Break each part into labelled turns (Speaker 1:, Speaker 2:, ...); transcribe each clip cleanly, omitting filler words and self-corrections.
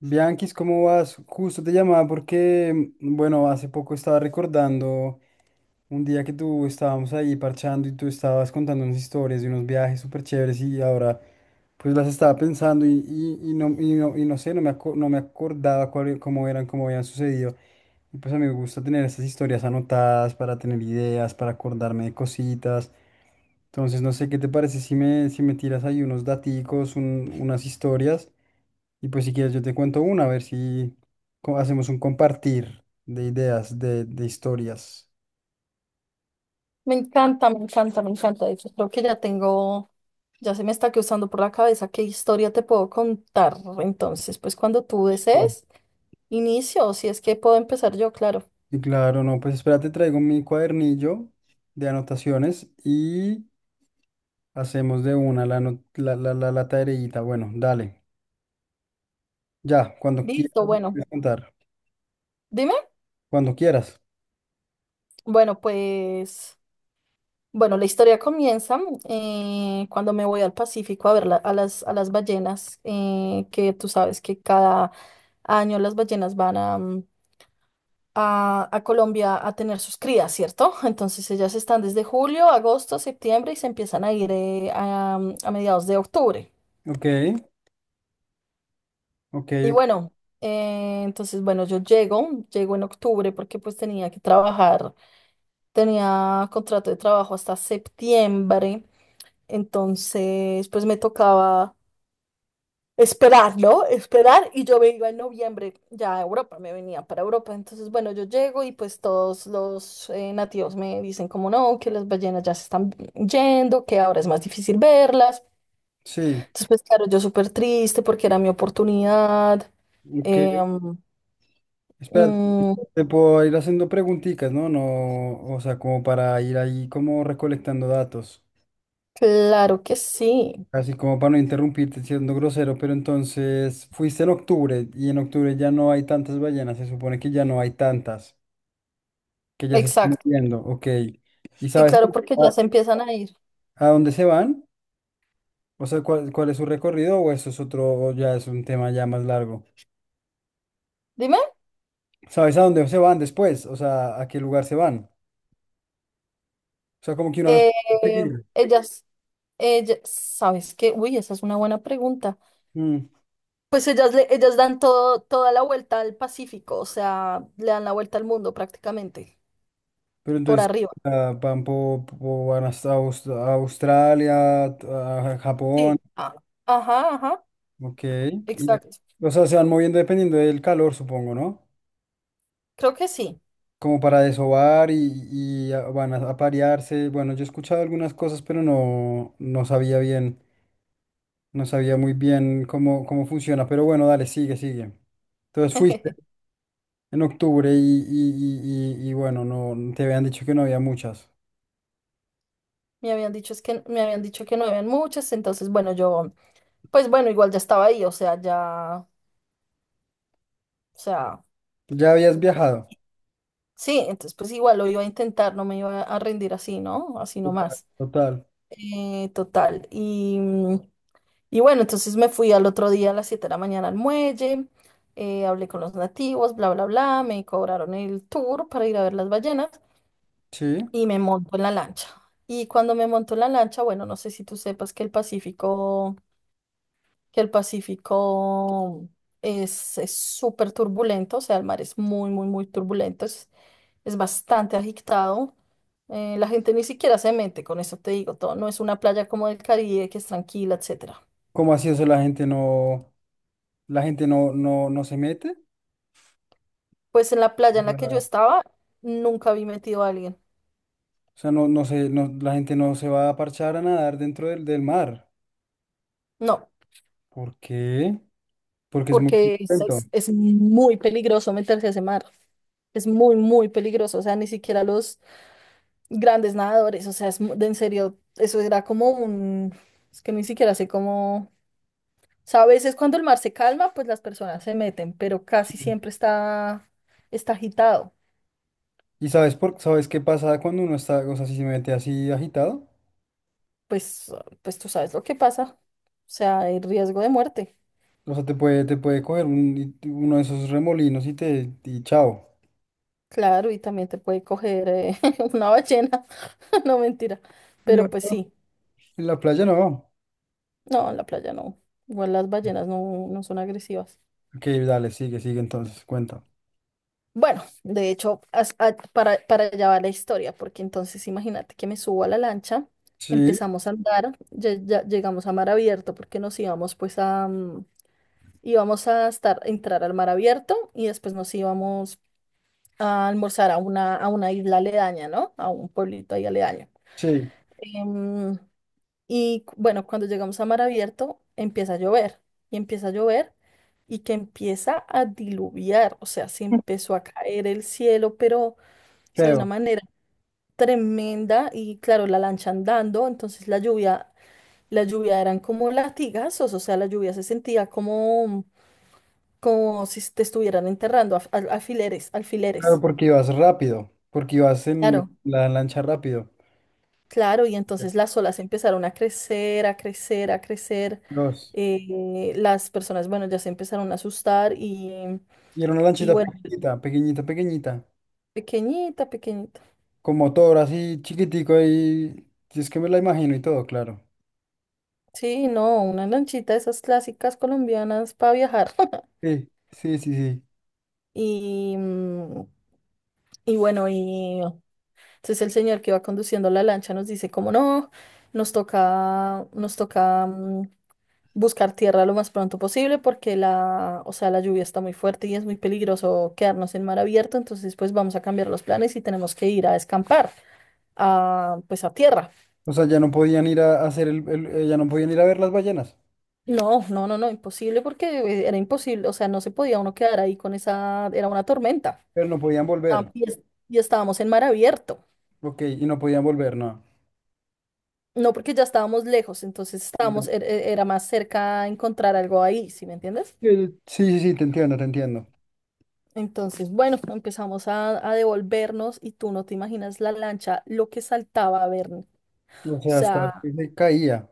Speaker 1: Bianquis, ¿cómo vas? Justo te llamaba porque, bueno, hace poco estaba recordando un día que tú estábamos ahí parchando y tú estabas contando unas historias de unos viajes súper chéveres y ahora pues las estaba pensando y no, y, no, y no sé, no me, aco- no me acordaba cómo eran, cómo habían sucedido. Y pues a mí me gusta tener estas historias anotadas para tener ideas, para acordarme de cositas. Entonces, no sé qué te parece si me tiras ahí unos daticos, unas historias. Y pues si quieres yo te cuento una, a ver si hacemos un compartir de ideas, de historias.
Speaker 2: Me encanta, me encanta, me encanta. De hecho, creo que ya tengo, ya se me está cruzando por la cabeza qué historia te puedo contar. Entonces, pues cuando tú
Speaker 1: Bueno,
Speaker 2: desees, inicio, si es que puedo empezar yo, claro.
Speaker 1: y claro, no, pues espérate, traigo mi cuadernillo de anotaciones y hacemos de una la, ano- la tareita. Bueno, dale. Ya, cuando
Speaker 2: Listo,
Speaker 1: quieras me
Speaker 2: bueno,
Speaker 1: puedes contar.
Speaker 2: dime.
Speaker 1: Cuando quieras.
Speaker 2: Bueno, pues, bueno, la historia comienza cuando me voy al Pacífico a ver a las ballenas, que tú sabes que cada año las ballenas van a Colombia a tener sus crías, ¿cierto? Entonces ellas están desde julio, agosto, septiembre y se empiezan a ir a mediados de octubre.
Speaker 1: Ok, ok,
Speaker 2: Y
Speaker 1: ok.
Speaker 2: bueno, entonces bueno, yo llego, llego en octubre porque pues tenía que trabajar, tenía contrato de trabajo hasta septiembre, entonces pues me tocaba esperarlo, esperar, y yo me iba en noviembre ya a Europa, me venía para Europa. Entonces, bueno, yo llego y pues todos los nativos me dicen como no, que las ballenas ya se están yendo, que ahora es más difícil verlas.
Speaker 1: Sí,
Speaker 2: Entonces, pues claro, yo súper triste porque era mi oportunidad.
Speaker 1: ok.
Speaker 2: Em,
Speaker 1: Espérate,
Speaker 2: mm,
Speaker 1: te puedo ir haciendo preguntitas, ¿no? No, o sea, como para ir ahí como recolectando datos.
Speaker 2: claro que sí,
Speaker 1: Así como para no interrumpirte siendo grosero, pero entonces fuiste en octubre y en octubre ya no hay tantas ballenas, se supone que ya no hay tantas, que ya se están
Speaker 2: exacto.
Speaker 1: moviendo, ok. ¿Y
Speaker 2: Sí,
Speaker 1: sabes
Speaker 2: claro, porque
Speaker 1: a,
Speaker 2: ya
Speaker 1: a-
Speaker 2: se empiezan a ir.
Speaker 1: a dónde se van? O sea, ¿cuál, cuál es su recorrido o eso es otro, o ya es un tema ya más largo?
Speaker 2: Dime,
Speaker 1: ¿Sabes a dónde se van después? O sea, ¿a qué lugar se van? O sea, como que uno las
Speaker 2: eh,
Speaker 1: puede seguir.
Speaker 2: ellas, ellas, ¿sabes qué? Uy, esa es una buena pregunta.
Speaker 1: Mm,
Speaker 2: Pues ellas, ellas dan todo, toda la vuelta al Pacífico, o sea, le dan la vuelta al mundo prácticamente,
Speaker 1: Pero
Speaker 2: por
Speaker 1: entonces
Speaker 2: arriba.
Speaker 1: ah, van, van hasta a Australia, a Japón.
Speaker 2: Sí. Ah, ajá, ajá,
Speaker 1: Ok. Y,
Speaker 2: exacto.
Speaker 1: o sea, se van moviendo dependiendo del calor, supongo, ¿no?
Speaker 2: Creo que sí.
Speaker 1: Como para desovar y, van a parearse. Bueno, yo he escuchado algunas cosas, pero no, no sabía bien, no sabía muy bien cómo, cómo funciona. Pero bueno, dale, sigue, sigue. Entonces fuiste en octubre y, y bueno, no te habían dicho que no había muchas.
Speaker 2: Me habían dicho, es que, me habían dicho que no habían muchas, entonces, bueno, yo, pues bueno, igual ya estaba ahí, o sea, ya, o sea,
Speaker 1: Ya habías viajado,
Speaker 2: sí, entonces pues igual lo iba a intentar, no me iba a rendir así, ¿no? Así nomás.
Speaker 1: total.
Speaker 2: Total, y bueno, entonces me fui al otro día a las 7 de la mañana al muelle, hablé con los nativos, bla, bla, bla, me cobraron el tour para ir a ver las ballenas
Speaker 1: Sí.
Speaker 2: y me monto en la lancha. Y cuando me monto en la lancha, bueno, no sé si tú sepas que el Pacífico es súper turbulento, o sea, el mar es muy, muy, muy turbulento, es bastante agitado. La gente ni siquiera se mete, con eso te digo todo, no es una playa como del Caribe que es tranquila, etcétera.
Speaker 1: ¿Cómo así eso la gente no, no se mete?
Speaker 2: Pues en la playa en la que yo estaba, nunca vi metido a alguien.
Speaker 1: O sea, no, no se no, la gente no se va a parchar a nadar dentro del mar.
Speaker 2: No,
Speaker 1: ¿Por qué? Porque es muy
Speaker 2: porque es,
Speaker 1: violento.
Speaker 2: es muy peligroso meterse a ese mar. Es muy, muy peligroso. O sea, ni siquiera los grandes nadadores. O sea, es, de en serio, eso era como un... Es que ni siquiera sé cómo... O sea, a veces cuando el mar se calma, pues las personas se meten, pero casi siempre está, está agitado.
Speaker 1: ¿Y sabes por, sabes qué pasa cuando uno está, o sea, si se mete así agitado?
Speaker 2: Pues, pues tú sabes lo que pasa. O sea, hay riesgo de muerte.
Speaker 1: O sea, te puede coger uno de esos remolinos y te, y chao.
Speaker 2: Claro, y también te puede coger una ballena. No, mentira.
Speaker 1: Yo
Speaker 2: Pero pues
Speaker 1: no.
Speaker 2: sí,
Speaker 1: En la playa no.
Speaker 2: no, en la playa no. Igual las ballenas no, no son agresivas.
Speaker 1: Ok, dale, sigue, sigue entonces, cuenta.
Speaker 2: Bueno, de hecho, para allá va la historia, porque entonces imagínate que me subo a la lancha,
Speaker 1: Sí,
Speaker 2: empezamos a andar, ya, ya llegamos a mar abierto, porque nos íbamos pues a, íbamos a estar, entrar al mar abierto y después nos íbamos a almorzar a una isla aledaña, ¿no? A un pueblito ahí aledaño.
Speaker 1: sí,
Speaker 2: Em, Y bueno, cuando llegamos a mar abierto, empieza a llover y empieza a llover y que empieza a diluviar, o sea, se empezó a caer el cielo, pero o sea, de
Speaker 1: creo.
Speaker 2: una manera tremenda y claro, la lancha andando, entonces la lluvia eran como latigazos, o sea, la lluvia se sentía como, como si te estuvieran enterrando, alfileres,
Speaker 1: Claro,
Speaker 2: alfileres.
Speaker 1: porque ibas rápido, porque ibas en
Speaker 2: Claro.
Speaker 1: la lancha rápido.
Speaker 2: Claro, y entonces las olas empezaron a crecer, a crecer, a crecer.
Speaker 1: Dos.
Speaker 2: Las personas, bueno, ya se empezaron a asustar
Speaker 1: Y era una
Speaker 2: y
Speaker 1: lanchita
Speaker 2: bueno,
Speaker 1: pequeñita, pequeñita, pequeñita.
Speaker 2: pequeñita, pequeñita.
Speaker 1: Con motor así chiquitico ahí. Si es que me la imagino y todo, claro.
Speaker 2: Sí, no, una lanchita de esas clásicas colombianas para viajar.
Speaker 1: Sí, sí, sí, sí.
Speaker 2: Y, mm, y bueno, y entonces el señor que va conduciendo la lancha nos dice como no, nos toca buscar tierra lo más pronto posible porque la, o sea, la lluvia está muy fuerte y es muy peligroso quedarnos en mar abierto, entonces pues vamos a cambiar los planes y tenemos que ir a escampar, a, pues a tierra.
Speaker 1: O sea, ya no podían ir a hacer ya no podían ir a ver las ballenas,
Speaker 2: No, no, no, no, imposible porque era imposible, o sea, no se podía uno quedar ahí con esa, era una tormenta.
Speaker 1: pero no podían
Speaker 2: Ah,
Speaker 1: volver.
Speaker 2: Y estábamos en mar abierto,
Speaker 1: Ok, y no podían volver, no.
Speaker 2: no porque ya estábamos lejos, entonces
Speaker 1: Ya.
Speaker 2: estábamos, era más cerca encontrar algo ahí, ¿sí me entiendes?
Speaker 1: Sí, sí, sí, te entiendo, te entiendo.
Speaker 2: Entonces, bueno, empezamos a devolvernos y tú no te imaginas la lancha, lo que saltaba a ver. O
Speaker 1: O sea, hasta
Speaker 2: sea,
Speaker 1: que se caía,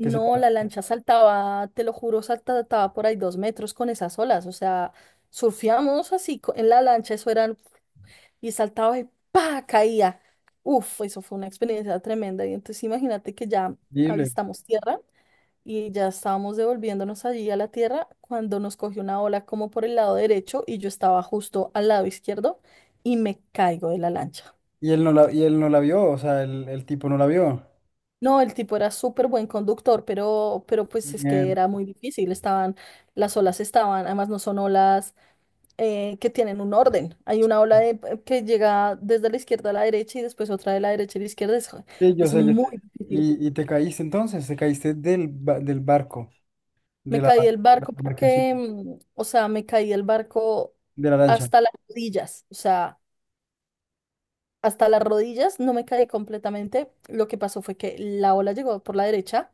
Speaker 1: que se
Speaker 2: la
Speaker 1: partía.
Speaker 2: lancha saltaba, te lo juro, saltaba por ahí 2 metros con esas olas. O sea, surfeamos así en la lancha, eso eran, y saltaba y ¡pa! Caía. Uf, eso fue una experiencia tremenda. Y entonces imagínate que ya
Speaker 1: Horrible.
Speaker 2: avistamos tierra y ya estábamos devolviéndonos allí a la tierra cuando nos cogió una ola como por el lado derecho y yo estaba justo al lado izquierdo y me caigo de la lancha.
Speaker 1: Y él no la vio, o sea, el tipo no la vio.
Speaker 2: No, el tipo era súper buen conductor, pero pues es que
Speaker 1: Mierda.
Speaker 2: era muy difícil. Estaban, las olas estaban, además no son olas que tienen un orden. Hay una ola que llega desde la izquierda a la derecha y después otra de la derecha a la izquierda.
Speaker 1: Sí, yo
Speaker 2: Es
Speaker 1: sé, yo
Speaker 2: muy
Speaker 1: sé.
Speaker 2: difícil.
Speaker 1: Y te caíste entonces, te caíste del barco,
Speaker 2: Me
Speaker 1: de la
Speaker 2: caí del
Speaker 1: de la
Speaker 2: barco
Speaker 1: embarcación,
Speaker 2: porque, o sea, me caí del barco
Speaker 1: de la lancha.
Speaker 2: hasta las rodillas, o sea, hasta las rodillas no me caí completamente. Lo que pasó fue que la ola llegó por la derecha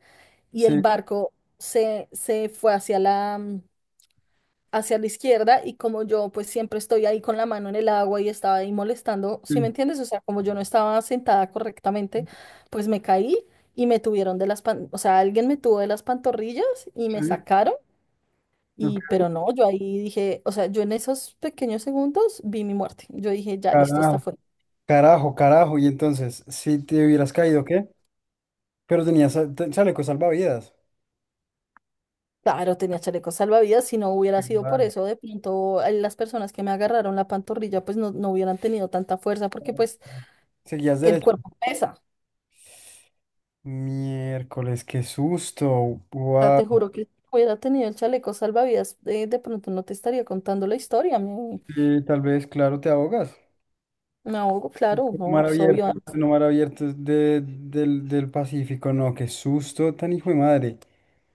Speaker 2: y el
Speaker 1: Sí,
Speaker 2: barco se, se fue hacia la, hacia la izquierda y como yo pues siempre estoy ahí con la mano en el agua y estaba ahí molestando, ¿sí me
Speaker 1: sí.
Speaker 2: entiendes? O sea, como yo no estaba sentada correctamente, pues me caí y me tuvieron de las, o sea, alguien me tuvo de las pantorrillas y
Speaker 1: Sí,
Speaker 2: me sacaron.
Speaker 1: no,
Speaker 2: Y, pero no, yo ahí dije, o sea, yo en esos pequeños segundos vi mi muerte. Yo dije, ya listo, esta
Speaker 1: carajo,
Speaker 2: fue.
Speaker 1: carajo, carajo. Y entonces, si te hubieras caído, ¿qué? Pero tenías chaleco salvavidas.
Speaker 2: Claro, tenía chalecos salvavidas, si no hubiera sido por
Speaker 1: Igual.
Speaker 2: eso, de pronto las personas que me agarraron la pantorrilla, pues no, no hubieran tenido tanta fuerza, porque pues
Speaker 1: Seguías
Speaker 2: el
Speaker 1: derecho.
Speaker 2: cuerpo pesa.
Speaker 1: Miércoles, qué susto.
Speaker 2: O sea,
Speaker 1: Guau.
Speaker 2: te juro que si hubiera tenido el chaleco salvavidas, de pronto no te estaría contando la historia. Me,
Speaker 1: Sí, tal vez, claro, te ahogas.
Speaker 2: me ahogo, claro, no,
Speaker 1: Mar
Speaker 2: pues obvio.
Speaker 1: abierto, no mar abierto es del, del Pacífico, no, qué susto tan hijo de madre.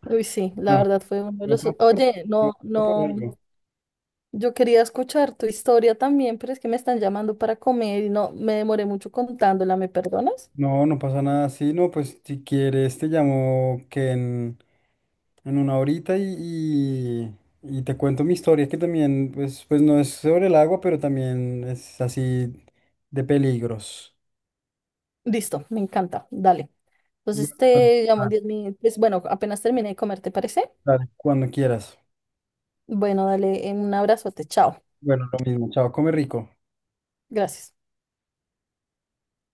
Speaker 2: Uy, sí, la
Speaker 1: No,
Speaker 2: verdad fue uno de
Speaker 1: no
Speaker 2: los.
Speaker 1: pasa por,
Speaker 2: Oye,
Speaker 1: no
Speaker 2: no,
Speaker 1: pasa por
Speaker 2: no.
Speaker 1: algo.
Speaker 2: Yo quería escuchar tu historia también, pero es que me están llamando para comer y no me demoré mucho contándola, ¿me perdonas?
Speaker 1: No, no pasa nada. Sí, no, pues si quieres te llamo que en una horita y, y, y te cuento mi historia que también, pues, pues no es sobre el agua, pero también es así de peligros.
Speaker 2: Listo, me encanta, dale.
Speaker 1: Bueno,
Speaker 2: Entonces te llamo en
Speaker 1: dale,
Speaker 2: 10 minutos. Bueno, apenas terminé de comer, ¿te parece?
Speaker 1: dale, cuando quieras.
Speaker 2: Bueno, dale, un abrazote, chao.
Speaker 1: Bueno, lo mismo. Chao, come rico.
Speaker 2: Gracias.